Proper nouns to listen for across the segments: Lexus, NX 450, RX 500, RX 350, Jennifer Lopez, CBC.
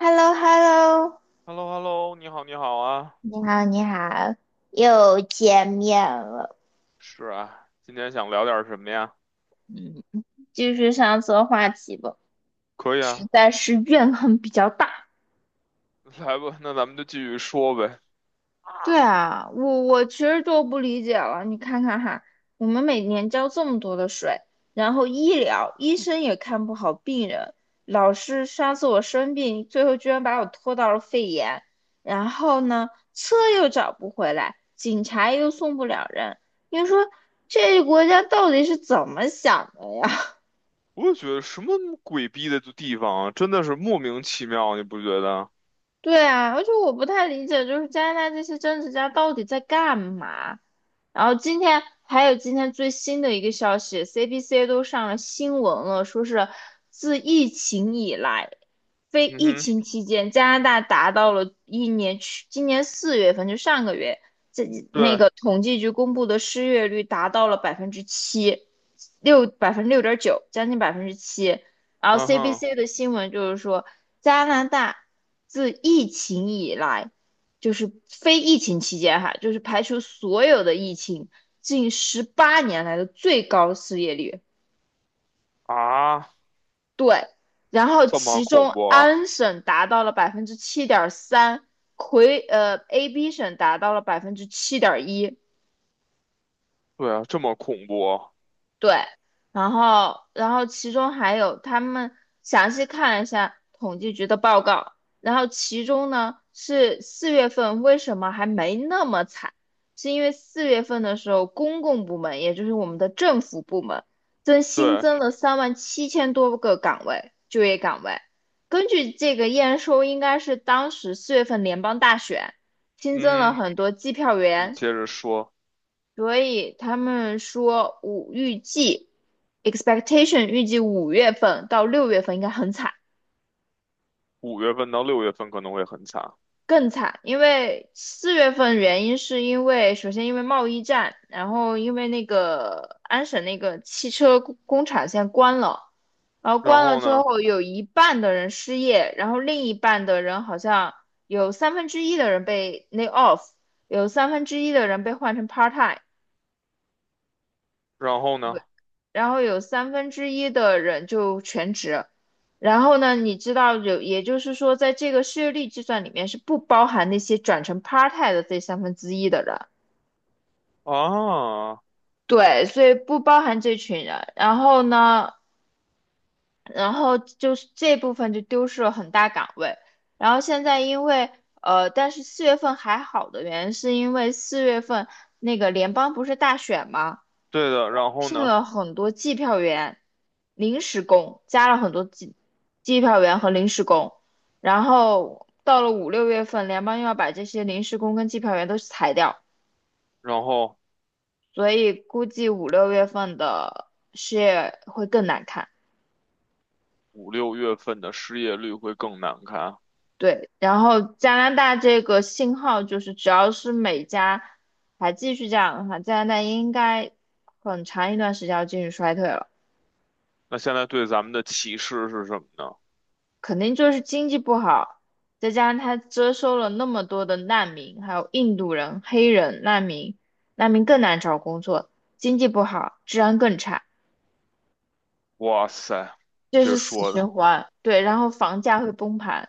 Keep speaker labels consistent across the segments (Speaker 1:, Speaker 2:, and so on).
Speaker 1: h e l l o h e l l o
Speaker 2: h e l l o h e l l o 你好，你好啊，
Speaker 1: 你好，你好，又见面了。
Speaker 2: 是啊，今天想聊点什么呀？
Speaker 1: 嗯，继续上次的话题吧，
Speaker 2: 可以
Speaker 1: 实
Speaker 2: 啊，
Speaker 1: 在是怨恨比较大。
Speaker 2: 来吧，那咱们就继续说呗。
Speaker 1: 对啊，我其实就不理解了。你看看哈，我们每年交这么多的税，然后医疗医生也看不好病人，老师上次我生病，最后居然把我拖到了肺炎，然后呢，车又找不回来，警察又送不了人。你说这个国家到底是怎么想的呀？
Speaker 2: 我也觉得什么鬼逼的地方啊，真的是莫名其妙，你不觉得？
Speaker 1: 对啊，而且我不太理解，就是加拿大这些政治家到底在干嘛？然后今天还有今天最新的一个消息，CBC 都上了新闻了，说是自疫情以来，非
Speaker 2: 嗯
Speaker 1: 疫
Speaker 2: 哼，
Speaker 1: 情期间，加拿大达到了一年去今年四月份就上个月，这那
Speaker 2: 对，
Speaker 1: 个统计局公布的失业率达到了百分之七，6.9%，将近百分之七。然后
Speaker 2: 嗯哼，
Speaker 1: CBC 的新闻就是说，加拿大自疫情以来，就是非疫情期间哈，就是排除所有的疫情，近18年来的最高失业率。
Speaker 2: 啊，
Speaker 1: 对，然后
Speaker 2: 这么
Speaker 1: 其
Speaker 2: 恐
Speaker 1: 中
Speaker 2: 怖啊？
Speaker 1: 安省达到了7.3%，AB 省达到了7.1%，
Speaker 2: 对啊，这么恐怖啊
Speaker 1: 对，然后其中还有他们详细看了一下统计局的报告，然后其中呢是四月份为什么还没那么惨，是因为四月份的时候公共部门，也就是我们的政府部门，新
Speaker 2: 对，
Speaker 1: 增了3.7万多个岗位，就业岗位。根据这个验收，应该是当时四月份联邦大选新增了
Speaker 2: 嗯哼
Speaker 1: 很多计票
Speaker 2: 你
Speaker 1: 员、
Speaker 2: 接着说，
Speaker 1: 所以他们说预计 预计五月份到六月份应该很惨，
Speaker 2: 五月份到六月份可能会很惨，
Speaker 1: 更惨，因为四月份原因是因为首先因为贸易战，然后因为那个安省那个汽车工厂现在关了，然后
Speaker 2: 然
Speaker 1: 关了
Speaker 2: 后
Speaker 1: 之
Speaker 2: 呢，
Speaker 1: 后有一半的人失业，然后另一半的人好像有三分之一的人被 lay off，有1/3的人被换成 part time。
Speaker 2: 然后呢，
Speaker 1: 然后有三分之一的人就全职。然后呢，你知道有，也就是说，在这个失业率计算里面是不包含那些转成 part time 的这1/3的人，
Speaker 2: 啊，
Speaker 1: 对，所以不包含这群人。然后呢，然后就是这部分就丢失了很大岗位。然后现在因为呃，但是四月份还好的原因是因为四月份那个联邦不是大选吗？
Speaker 2: 对的，然后
Speaker 1: 聘
Speaker 2: 呢，
Speaker 1: 了很多计票员、临时工，加了很多计票员和临时工。然后到了五六月份，联邦又要把这些临时工跟计票员都裁掉，
Speaker 2: 然后。
Speaker 1: 所以估计五六月份的失业会更难看。
Speaker 2: 五六月份的失业率会更难看啊。
Speaker 1: 对，然后加拿大这个信号就是，只要是美加还继续这样的话，加拿大应该很长一段时间要进入衰退了。
Speaker 2: 那现在对咱们的歧视是什么呢？
Speaker 1: 肯定就是经济不好，再加上他接收了那么多的难民，还有印度人、黑人难民，难民更难找工作，经济不好，治安更差，
Speaker 2: 哇塞，你
Speaker 1: 这
Speaker 2: 这
Speaker 1: 是死
Speaker 2: 说的，
Speaker 1: 循环。对，然后房价会崩盘，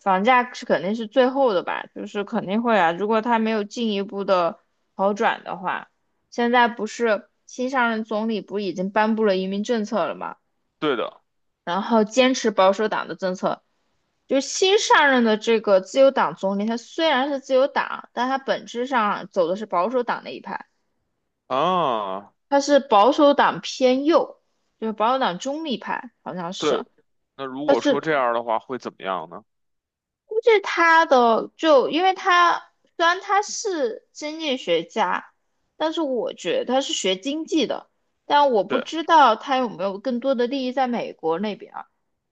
Speaker 1: 房价是肯定是最后的吧，就是肯定会啊，如果他没有进一步的好转的话，现在不是新上任总理不已经颁布了移民政策了吗？
Speaker 2: 对的
Speaker 1: 然后坚持保守党的政策，就是新上任的这个自由党总理，他虽然是自由党，但他本质上走的是保守党那一派，
Speaker 2: 啊，
Speaker 1: 他是保守党偏右，就是保守党中立派，好像是。
Speaker 2: 对。那如
Speaker 1: 但
Speaker 2: 果说
Speaker 1: 是
Speaker 2: 这样的话，会怎么样呢？
Speaker 1: 估计他的就因为他虽然他是经济学家，但是我觉得他是学经济的，但我不
Speaker 2: 对，
Speaker 1: 知道他有没有更多的利益在美国那边啊，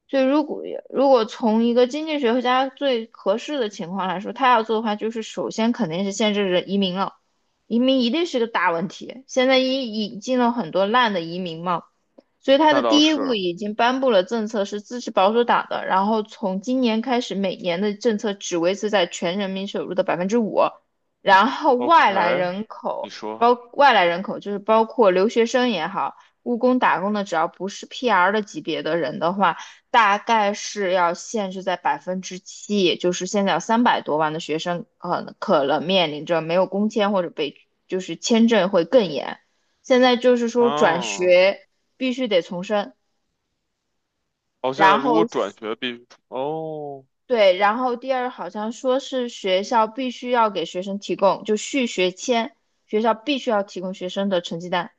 Speaker 1: 所以如果从一个经济学家最合适的情况来说，他要做的话，就是首先肯定是限制人移民了，移民一定是个大问题。现在引进了很多烂的移民嘛，所以他
Speaker 2: 那
Speaker 1: 的
Speaker 2: 倒
Speaker 1: 第一步
Speaker 2: 是
Speaker 1: 已经颁布了政策，是支持保守党的，然后从今年开始，每年的政策只维持在全人民收入的5%，然后
Speaker 2: OK。你说，
Speaker 1: 外来人口就是包括留学生也好。务工打工的，只要不是 PR 的级别的人的话，大概是要限制在百分之七，也就是现在有300多万的学生，呃，可能面临着没有工签或者就是签证会更严。现在就是说转
Speaker 2: 啊。
Speaker 1: 学必须得重申，
Speaker 2: 哦，现在
Speaker 1: 然
Speaker 2: 如果
Speaker 1: 后
Speaker 2: 转学必，哦，
Speaker 1: 对，然后第二好像说是学校必须要给学生提供续学签，学校必须要提供学生的成绩单。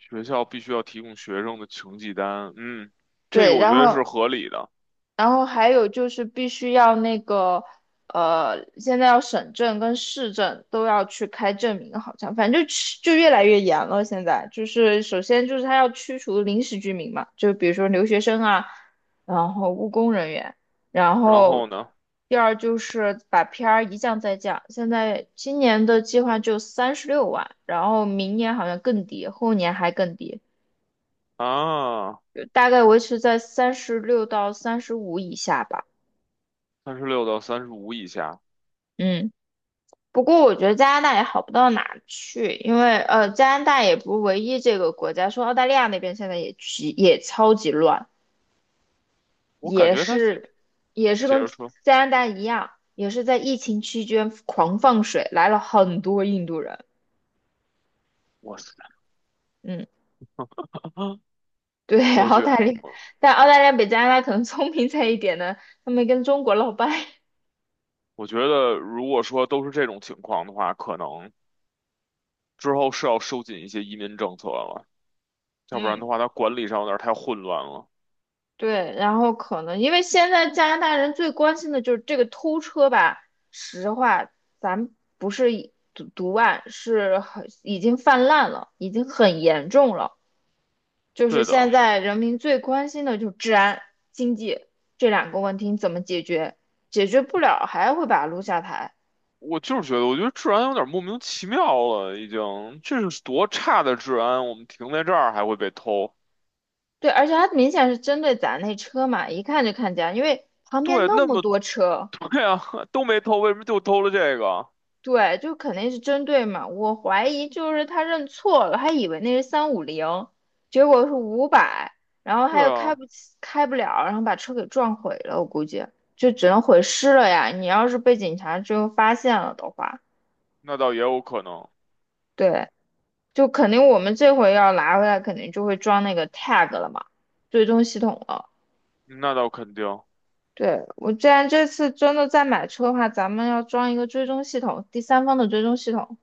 Speaker 2: 学校必须要提供学生的成绩单，嗯，这个
Speaker 1: 对，
Speaker 2: 我觉
Speaker 1: 然
Speaker 2: 得是
Speaker 1: 后
Speaker 2: 合理的。
Speaker 1: 然后还有就是必须要那个，呃，现在要省证跟市政都要去开证明，好像反正就越来越严了。现在就是首先就是他要驱除临时居民嘛，就比如说留学生啊，然后务工人员，然
Speaker 2: 然
Speaker 1: 后
Speaker 2: 后呢，
Speaker 1: 第二就是把 PR 一降再降。现在今年的计划就36万，然后明年好像更低，后年还更低，
Speaker 2: 啊，
Speaker 1: 就大概维持在三十六到三十五以下吧。
Speaker 2: 三十六到三十五以下，
Speaker 1: 嗯。不过我觉得加拿大也好不到哪儿去，因为呃，加拿大也不是唯一这个国家，说澳大利亚那边现在也超级乱，
Speaker 2: 我感
Speaker 1: 也
Speaker 2: 觉他
Speaker 1: 是也是
Speaker 2: 接
Speaker 1: 跟
Speaker 2: 着说。
Speaker 1: 加拿大一样，也是在疫情期间狂放水，来了很多印度人。
Speaker 2: 哇塞。
Speaker 1: 嗯，对，
Speaker 2: 我
Speaker 1: 澳
Speaker 2: 觉
Speaker 1: 大
Speaker 2: 得，
Speaker 1: 利亚，
Speaker 2: 我
Speaker 1: 但澳大利亚比加拿大可能聪明在一点呢，他们跟中国闹掰。
Speaker 2: 我觉得，如果说都是这种情况的话，可能之后是要收紧一些移民政策了，要不然
Speaker 1: 嗯。
Speaker 2: 的话，它管理上有点太混乱了。
Speaker 1: 对，然后可能因为现在加拿大人最关心的就是这个偷车吧。实话，咱不是一毒案，是很已经泛滥了，已经很严重了。就是
Speaker 2: 对
Speaker 1: 现
Speaker 2: 的，
Speaker 1: 在人民最关心的就是治安、经济这两个问题你怎么解决？解决不了还会把他撸下台。
Speaker 2: 我就是觉得，我觉得治安有点莫名其妙了，已经，这是多差的治安，我们停在这儿还会被偷。
Speaker 1: 对，而且他明显是针对咱那车嘛，一看就看见，因为旁边
Speaker 2: 对，
Speaker 1: 那
Speaker 2: 那
Speaker 1: 么
Speaker 2: 么
Speaker 1: 多 车。
Speaker 2: 对啊，都没偷，为什么就偷了这个？
Speaker 1: 对，就肯定是针对嘛。我怀疑就是他认错了，还以为那是三五零，结果是五百，然后他
Speaker 2: 对
Speaker 1: 又开
Speaker 2: 啊，
Speaker 1: 不起，开不了，然后把车给撞毁了。我估计就只能毁尸了呀。你要是被警察最后发现了的话，
Speaker 2: 那倒也有可能，
Speaker 1: 对，就肯定我们这回要拿回来，肯定就会装那个 tag 了嘛，追踪系统了。
Speaker 2: 那倒肯定。
Speaker 1: 对，我既然这次真的再买车的话，咱们要装一个追踪系统，第三方的追踪系统。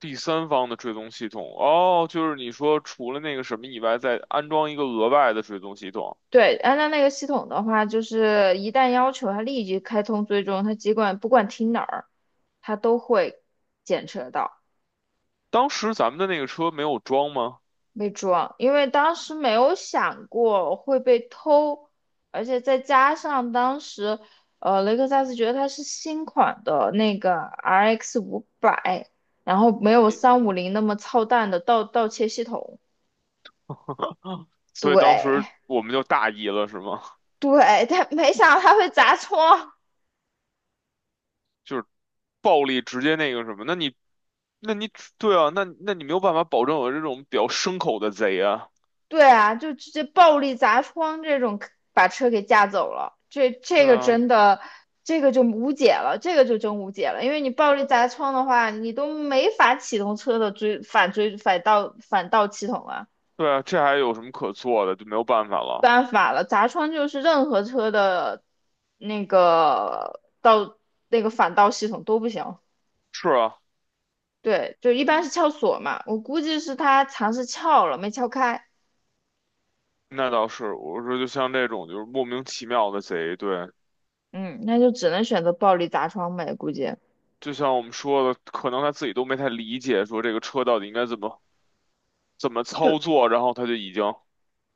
Speaker 2: 第三方的追踪系统，哦，就是你说除了那个什么以外，再安装一个额外的追踪系统。
Speaker 1: 对，安娜那个系统的话，就是一旦要求它立即开通追踪，它不管停哪儿，它都会检测到
Speaker 2: 当时咱们的那个车没有装吗？
Speaker 1: 被抓。因为当时没有想过会被偷，而且再加上当时，呃，雷克萨斯觉得它是新款的那个 RX 五百，然后没有
Speaker 2: 也
Speaker 1: 三五零那么操蛋的盗窃系统。
Speaker 2: 啊，所以当时
Speaker 1: 对
Speaker 2: 我们就大意了，是吗？
Speaker 1: 对，但没想到它会砸窗，
Speaker 2: 就是暴力直接那个什么，那你对啊，那你没有办法保证有这种比较牲口的贼啊，
Speaker 1: 对啊，就直接暴力砸窗这种，把车给架走了。这这
Speaker 2: 对
Speaker 1: 个
Speaker 2: 啊，
Speaker 1: 真的，这个就无解了，这个就真无解了。因为你暴力砸窗的话，你都没法启动车的追反追反倒反倒系统了，
Speaker 2: 对啊，这还有什么可做的？就没有办法了。
Speaker 1: 办法了。砸窗就是任何车的那个倒那个反倒系统都不行。
Speaker 2: 是啊，
Speaker 1: 对，就一般是
Speaker 2: 嗯
Speaker 1: 撬锁嘛，我估计是他尝试撬了没撬开，
Speaker 2: 那倒是，我说就像这种就是莫名其妙的贼，对，
Speaker 1: 嗯，那就只能选择暴力砸窗呗，估计。
Speaker 2: 就像我们说的，可能他自己都没太理解，说这个车到底应该怎么怎么
Speaker 1: 就
Speaker 2: 操作，然后他就已经，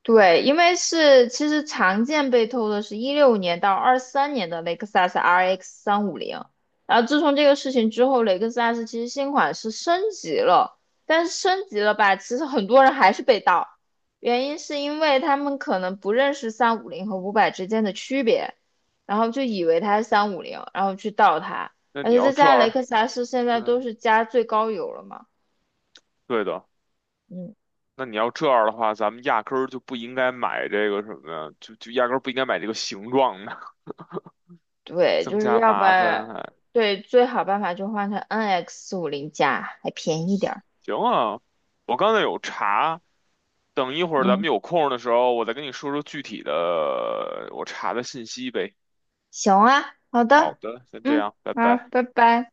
Speaker 1: 对，因为是其实常见被偷的是一六年到二三年的雷克萨斯 RX 三五零，然后自从这个事情之后，雷克萨斯其实新款是升级了，但是升级了吧，其实很多人还是被盗，原因是因为他们可能不认识三五零和五百之间的区别，然后就以为它是三五零，然后去盗它，
Speaker 2: 那
Speaker 1: 而
Speaker 2: 你
Speaker 1: 且
Speaker 2: 要
Speaker 1: 再加
Speaker 2: 这
Speaker 1: 上雷
Speaker 2: 样，
Speaker 1: 克萨斯现在都
Speaker 2: 嗯，
Speaker 1: 是加最高油了嘛。
Speaker 2: 对的，
Speaker 1: 嗯。
Speaker 2: 那你要这样的话，咱们压根儿就不应该买这个什么呀，就压根儿不应该买这个形状的，
Speaker 1: 对，就
Speaker 2: 增
Speaker 1: 是
Speaker 2: 加
Speaker 1: 要不
Speaker 2: 麻烦
Speaker 1: 然，
Speaker 2: 还。
Speaker 1: 对，最好办法就换成 NX 四五零加，还便宜点儿。
Speaker 2: 行啊，我刚才有查，等一会儿咱们
Speaker 1: 嗯，
Speaker 2: 有空的时候，我再跟你说说具体的我查的信息呗。
Speaker 1: 行啊，好
Speaker 2: 好
Speaker 1: 的，
Speaker 2: 的，先这
Speaker 1: 嗯，
Speaker 2: 样，拜
Speaker 1: 好，
Speaker 2: 拜。
Speaker 1: 拜拜。